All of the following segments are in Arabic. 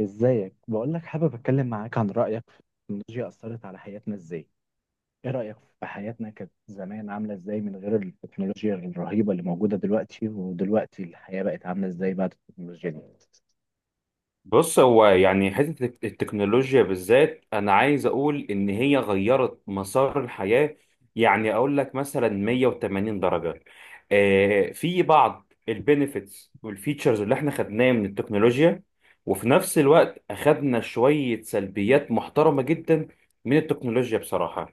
ازيك؟ بقول لك حابب اتكلم معاك عن رايك في التكنولوجيا، اثرت على حياتنا ازاي؟ ايه رايك؟ في حياتنا كانت زمان عامله ازاي من غير التكنولوجيا الرهيبه اللي موجوده دلوقتي، ودلوقتي الحياه بقت عامله ازاي بعد التكنولوجيا دي؟ بص هو يعني حتة التكنولوجيا بالذات أنا عايز أقول إن هي غيرت مسار الحياة. يعني أقول لك مثلا 180 درجة. آه، في بعض البينيفيتس والفيتشرز اللي إحنا خدناها من التكنولوجيا، وفي نفس الوقت أخدنا شوية سلبيات محترمة جدا من التكنولوجيا بصراحة.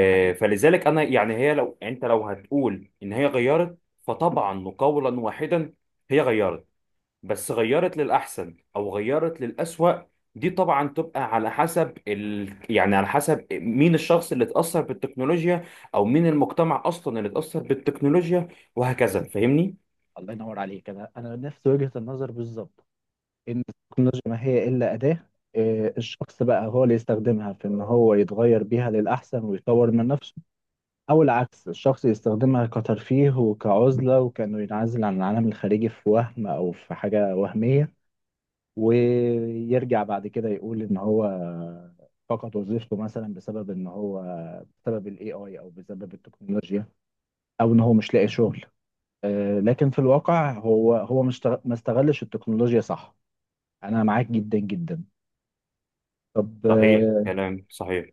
ده حقيقي. فلذلك أنا يعني هي لو أنت لو هتقول إن هي غيرت، فطبعا وقولا واحدا هي غيرت. بس غيرت للأحسن أو غيرت للأسوأ، دي طبعا تبقى على حسب يعني على حسب مين الشخص اللي اتأثر بالتكنولوجيا، أو مين المجتمع أصلا اللي اتأثر بالتكنولوجيا، وهكذا. فاهمني؟ الله ينور عليك. انا نفس وجهه النظر بالظبط. ان التكنولوجيا ما هي الا اداه. الشخص بقى هو اللي يستخدمها في ان هو يتغير بيها للاحسن ويطور من نفسه. أو العكس، الشخص يستخدمها كترفيه وكعزلة وكأنه ينعزل عن العالم الخارجي في وهم أو في حاجة وهمية. ويرجع بعد كده يقول إن هو فقد وظيفته مثلا، بسبب إن هو، بسبب ال AI أو بسبب التكنولوجيا، أو إن هو مش لاقي شغل. لكن في الواقع هو مش تغ- ما استغلش التكنولوجيا صح. أنا معاك جدا جدا. طب، صحيح، كلام صحيح.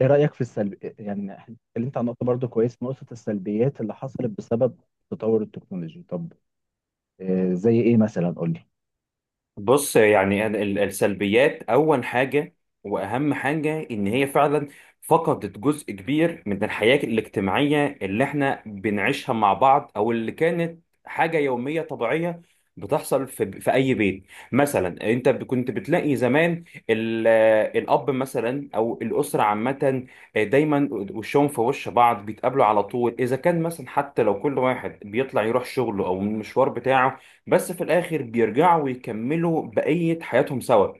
ايه رأيك في السلب، إيه؟ يعني إحنا اتكلمت عن نقطة، برضو كويس، نقطة السلبيات اللي حصلت بسبب تطور التكنولوجي. طب، زي ايه مثلا؟ قول لي. بص، يعني أنا السلبيات، اول حاجه واهم حاجه ان هي فعلا فقدت جزء كبير من الحياه الاجتماعيه اللي احنا بنعيشها مع بعض، او اللي كانت حاجه يوميه طبيعيه بتحصل في اي بيت. مثلا انت كنت بتلاقي زمان ال- الاب مثلا او الاسره عامه دايما وشهم في وش بعض، بيتقابلوا على طول. اذا كان مثلا حتى لو كل واحد بيطلع يروح شغله او المشوار بتاعه، بس في الآخر بيرجعوا ويكملوا بقية حياتهم سوا.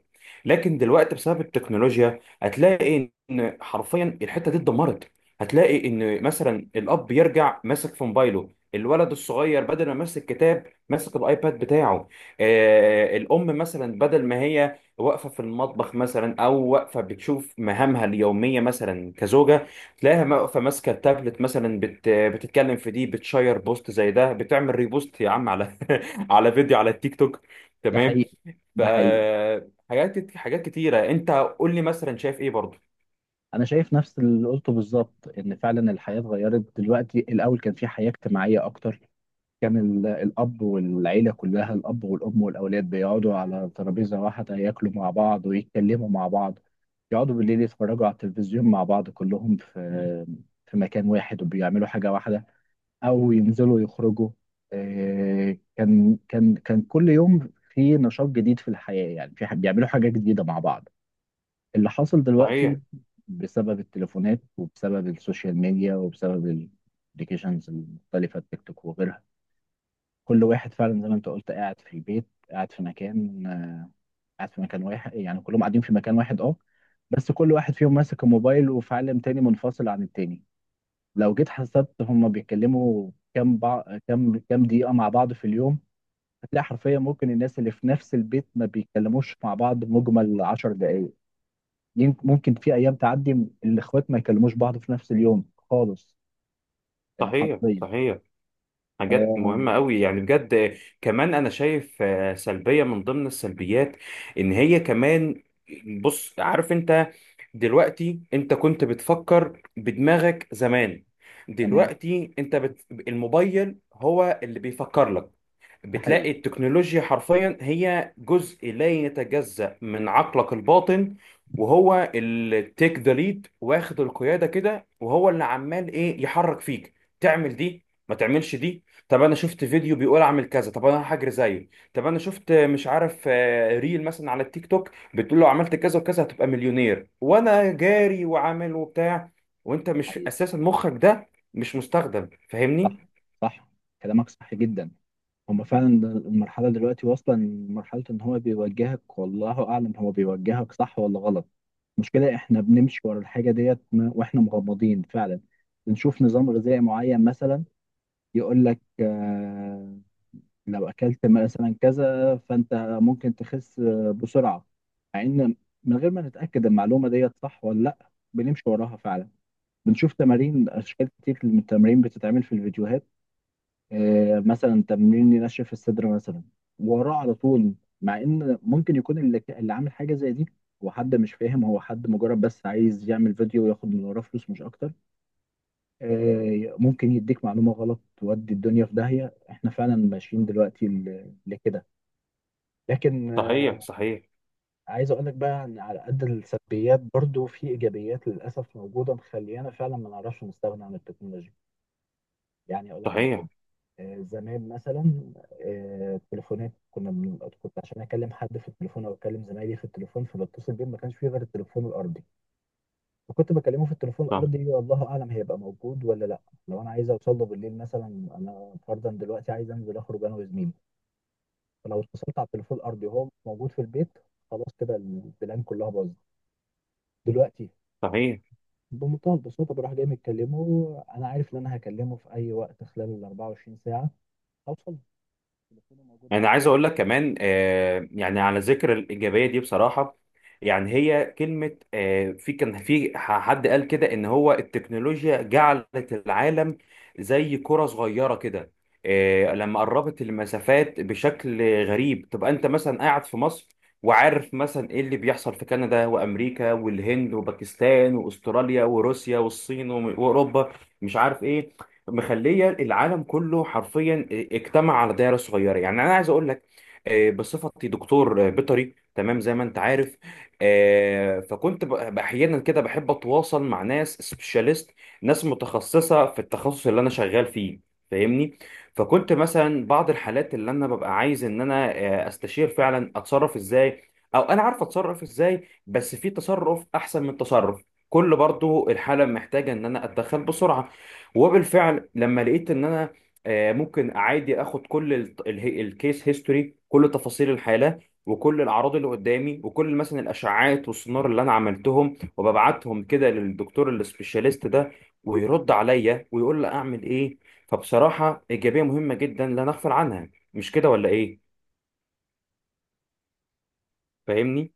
لكن دلوقتي بسبب التكنولوجيا هتلاقي إن حرفيا الحتة دي اتدمرت. هتلاقي إن مثلا الأب يرجع ماسك في موبايله، الولد الصغير بدل ما ماسك كتاب ماسك الايباد بتاعه. آه، الام مثلا بدل ما هي واقفه في المطبخ مثلا او واقفه بتشوف مهامها اليوميه مثلا كزوجه، تلاقيها واقفه ماسكه التابلت مثلا، بتتكلم في دي، بتشير بوست زي ده، بتعمل ريبوست يا عم على على فيديو على التيك توك. ده تمام. حقيقي. ف ده حقيقي. حاجات كتيره. انت قول لي مثلا شايف ايه برضه؟ انا شايف نفس اللي قلته بالظبط، ان فعلا الحياة اتغيرت دلوقتي. الاول كان في حياة اجتماعية اكتر. كان الاب والعيلة كلها، الاب والام والاولاد بيقعدوا على ترابيزة واحدة، ياكلوا مع بعض ويتكلموا مع بعض. يقعدوا بالليل يتفرجوا على التلفزيون مع بعض، كلهم في مكان واحد وبيعملوا حاجة واحدة، او ينزلوا يخرجوا. كان كل يوم في نشاط جديد في الحياة، يعني بيعملوا حاجة جديدة مع بعض. اللي حصل صحيح، دلوقتي بسبب التليفونات وبسبب السوشيال ميديا وبسبب الابلكيشنز المختلفة، التيك توك وغيرها، كل واحد فعلا زي ما انت قلت، قاعد في البيت، قاعد في مكان، قاعد في مكان واحد، يعني كلهم قاعدين في مكان واحد بس كل واحد فيهم ماسك الموبايل وفي عالم تاني منفصل عن التاني. لو جيت حسبت هما بيتكلموا كام بع... كام كام دقيقة مع بعض في اليوم، هتلاقي حرفيا ممكن الناس اللي في نفس البيت ما بيتكلموش مع بعض مجمل 10 دقايق. ممكن في أيام تعدي الإخوات ما يكلموش بعض في نفس اليوم خالص. صحيح، حرفيا. صحيح. حاجات مهمة قوي يعني بجد. كمان أنا شايف سلبية من ضمن السلبيات إن هي كمان، بص عارف أنت، دلوقتي أنت كنت بتفكر بدماغك زمان، تمام. دلوقتي أنت الموبايل هو اللي بيفكر لك. ده بتلاقي حقيقي. التكنولوجيا حرفيا هي جزء لا يتجزأ من عقلك الباطن، وهو اللي تيك ذا ليد، واخد القيادة كده، وهو اللي عمال ايه يحرك فيك. تعمل دي ما تعملش دي. طب انا شفت فيديو بيقول اعمل كذا، طب انا هجري زيه. طب انا شفت مش عارف ريل مثلا على التيك توك بتقول له عملت كذا وكذا هتبقى مليونير، وانا جاري وعامل وبتاع، وانت ده مش حقيقي. اساسا مخك ده مش مستخدم. صح، فاهمني؟ صح، كلامك صح جدا. هما فعلا المرحلة دلوقتي واصلة لمرحلة إن هو بيوجهك، والله أعلم هو بيوجهك صح ولا غلط. المشكلة إحنا بنمشي ورا الحاجة ديت وإحنا مغمضين فعلا. بنشوف نظام غذائي معين مثلا، يقول لك لو أكلت مثلا كذا فأنت ممكن تخس بسرعة. مع إن، من غير ما نتأكد المعلومة ديت صح ولا لأ، بنمشي وراها فعلا. بنشوف تمارين، أشكال كتير من التمارين بتتعمل في الفيديوهات. مثلا تمرين ينشف الصدر مثلا، وراه على طول. مع ان ممكن يكون اللي عامل حاجه زي دي هو حد مش فاهم، هو حد مجرد بس عايز يعمل فيديو وياخد من وراه فلوس مش اكتر. ممكن يديك معلومه غلط تودي الدنيا في داهيه. احنا فعلا ماشيين دلوقتي لكده. لكن، صحيح، صحيح، عايز اقول لك بقى ان على قد السلبيات برضو في ايجابيات للاسف موجوده، مخليانا فعلا ما نعرفش نستغنى عن التكنولوجيا. يعني اقول لك على حاجه. صحيح. زمان مثلا، التليفونات كنت عشان اكلم حد في التليفون او اكلم زمايلي في التليفون، فبتصل بيهم، ما كانش فيه غير التليفون الارضي. فكنت بكلمه في التليفون صح. الارضي، والله اعلم هيبقى موجود ولا لا. لو انا عايز اوصل له بالليل مثلا، انا فرضا دلوقتي عايز انزل اخرج انا وزميلي، فلو اتصلت على التليفون الارضي وهو مش موجود في البيت، خلاص كده البلان كلها باظت. دلوقتي صحيح. بمنتهى البساطه بروح جاي متكلمه، انا عارف ان انا هكلمه في اي وقت خلال ال 24 ساعه، هوصل له. تليفونه موجود انا عايز اقول لك كمان آه، يعني على ذكر الايجابيه دي بصراحه، يعني هي كلمه آه، في كان في حد قال كده ان هو التكنولوجيا جعلت العالم زي كره صغيره كده. آه، لما قربت المسافات بشكل غريب، تبقى انت مثلا قاعد في مصر وعارف مثلا ايه اللي بيحصل في كندا وامريكا والهند وباكستان واستراليا وروسيا والصين واوروبا، مش عارف ايه. مخليه العالم كله حرفيا اجتمع على دايره صغيره. يعني انا عايز اقول لك، بصفتي دكتور بيطري، تمام زي ما انت عارف، فكنت احيانا كده بحب اتواصل مع ناس سبيشاليست، ناس متخصصه في التخصص اللي انا شغال فيه، فاهمني. فكنت مثلا بعض الحالات اللي انا ببقى عايز ان انا استشير فعلا اتصرف ازاي، او انا عارف اتصرف ازاي بس في تصرف احسن من تصرف، كل برضو الحالة محتاجة ان انا اتدخل بسرعة. وبالفعل لما لقيت ان انا ممكن عادي اخد كل الكيس هيستوري، كل تفاصيل الحاله وكل الاعراض اللي قدامي وكل مثلا الاشعاعات والسونار اللي انا عملتهم، وببعتهم كده للدكتور السبيشاليست ده، ويرد عليا ويقول لي اعمل ايه. فبصراحه ايجابيه مهمه جدا لا نغفل عنها، مش كده ولا ايه؟ فاهمني.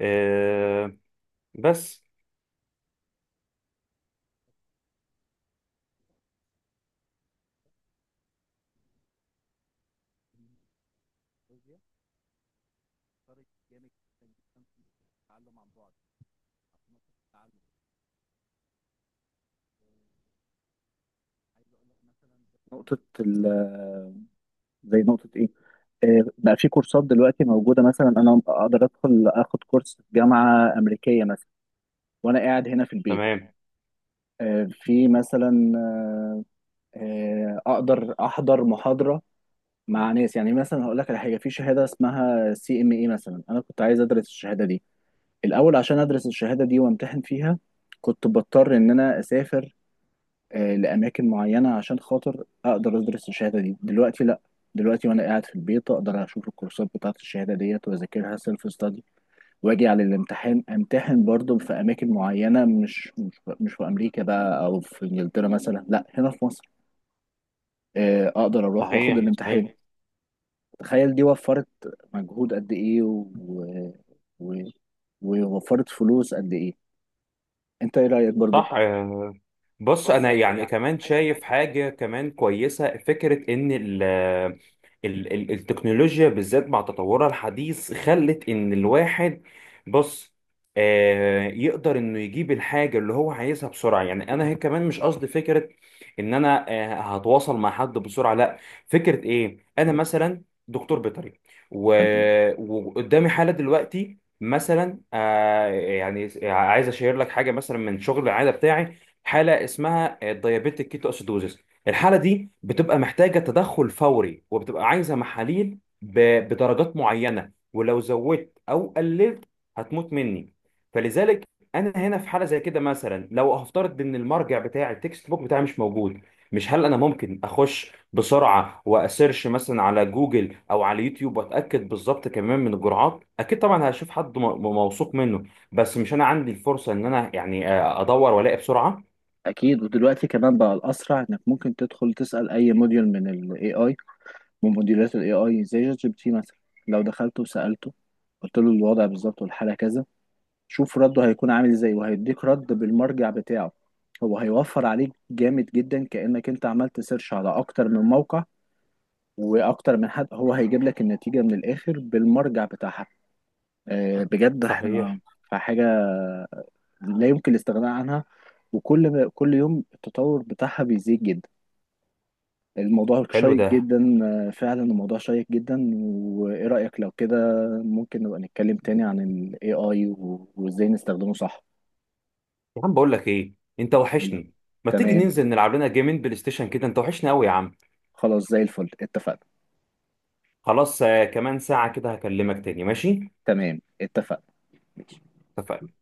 آه، بس. معايا. فرق جامد جدا جدا في التعلم عن بعد، في نقطة التعلم. آه، عايز أقول لك مثلا، نقطة ال- زي نقطة إيه؟ بقى في كورسات دلوقتي موجودة، مثلا أنا أقدر أدخل آخد كورس في جامعة أمريكية مثلا وأنا قاعد هنا في البيت. تمام. في مثلا، أقدر أحضر محاضرة مع ناس، يعني مثلا هقول لك على حاجة، في شهادة اسمها CME مثلا. أنا كنت عايز أدرس الشهادة دي الأول، عشان أدرس الشهادة دي وأمتحن فيها كنت بضطر إن أنا أسافر لأماكن معينة، عشان خاطر أقدر أدرس الشهادة دي. دلوقتي لأ، دلوقتي وأنا قاعد في البيت أقدر أشوف الكورسات بتاعة الشهادة ديت وأذاكرها سيلف ستادي، وأجي على الامتحان أمتحن برضه في أماكن معينة، مش في أمريكا بقى أو في إنجلترا مثلا، لأ، هنا في مصر. أقدر أروح وأخد صحيح، صحيح. الامتحان. تخيل دي وفرت مجهود قد إيه، و... ووفرت فلوس قد إيه. أنت إيه رأيك برضه؟ صح. بص انا يعني كمان شايف حاجه كمان كويسه، فكره ان ال ال ال التكنولوجيا بالذات مع تطورها الحديث خلت ان الواحد، بص، يقدر انه يجيب الحاجه اللي هو عايزها بسرعه. يعني انا هي كمان مش قصدي فكره ان انا هتواصل مع حد بسرعه، لا. فكره ايه، انا مثلا دكتور بيطري، و- وقدامي حاله دلوقتي، مثلا آه، يعني عايز اشير لك حاجه مثلا من شغل العياده بتاعي، حاله اسمها الديابيتيك كيتو اسيدوزيس. الحاله دي بتبقى محتاجه تدخل فوري، وبتبقى عايزه محاليل بدرجات معينه، ولو زودت او قللت هتموت مني. فلذلك انا هنا في حاله زي كده مثلا، لو هفترض ان المرجع بتاعي التكست بوك بتاعي مش موجود، مش هل انا ممكن اخش بسرعه واسيرش مثلا على جوجل او على يوتيوب واتاكد بالظبط كمان من الجرعات؟ اكيد طبعا هشوف حد موثوق منه. بس مش انا عندي الفرصه ان انا يعني ادور والاقي بسرعه. اكيد. ودلوقتي كمان بقى الاسرع انك ممكن تدخل تسال اي موديول من ال AI، من موديولات ال AI زي ChatGPT مثلا. لو دخلت وسالته قلت له الوضع بالظبط والحاله كذا، شوف رده هيكون عامل ازاي، وهيديك رد بالمرجع بتاعه. هو هيوفر عليك جامد جدا كانك انت عملت سيرش على اكتر من موقع واكتر من حد، هو هيجيب لك النتيجه من الاخر بالمرجع بتاعها. بجد احنا صحيح. في حاجه لا يمكن الاستغناء عنها، وكل يوم التطور بتاعها بيزيد جدا. الموضوع حلو شيق ده. جدا. فعلا الموضوع شيق جدا. وايه رأيك لو كده، ممكن نبقى نتكلم تاني عن ال AI وازاي نستخدمه صح؟ يا عم بقول لك ايه، انت وحشني. ما تيجي تمام. ننزل نلعب لنا جيمين بلاي ستيشن كده، انت وحشني قوي يا عم. خلاص زي الفل، اتفقنا. خلاص، آه، كمان ساعه كده هكلمك تاني، ماشي؟ تمام، اتفقنا. اتفقنا.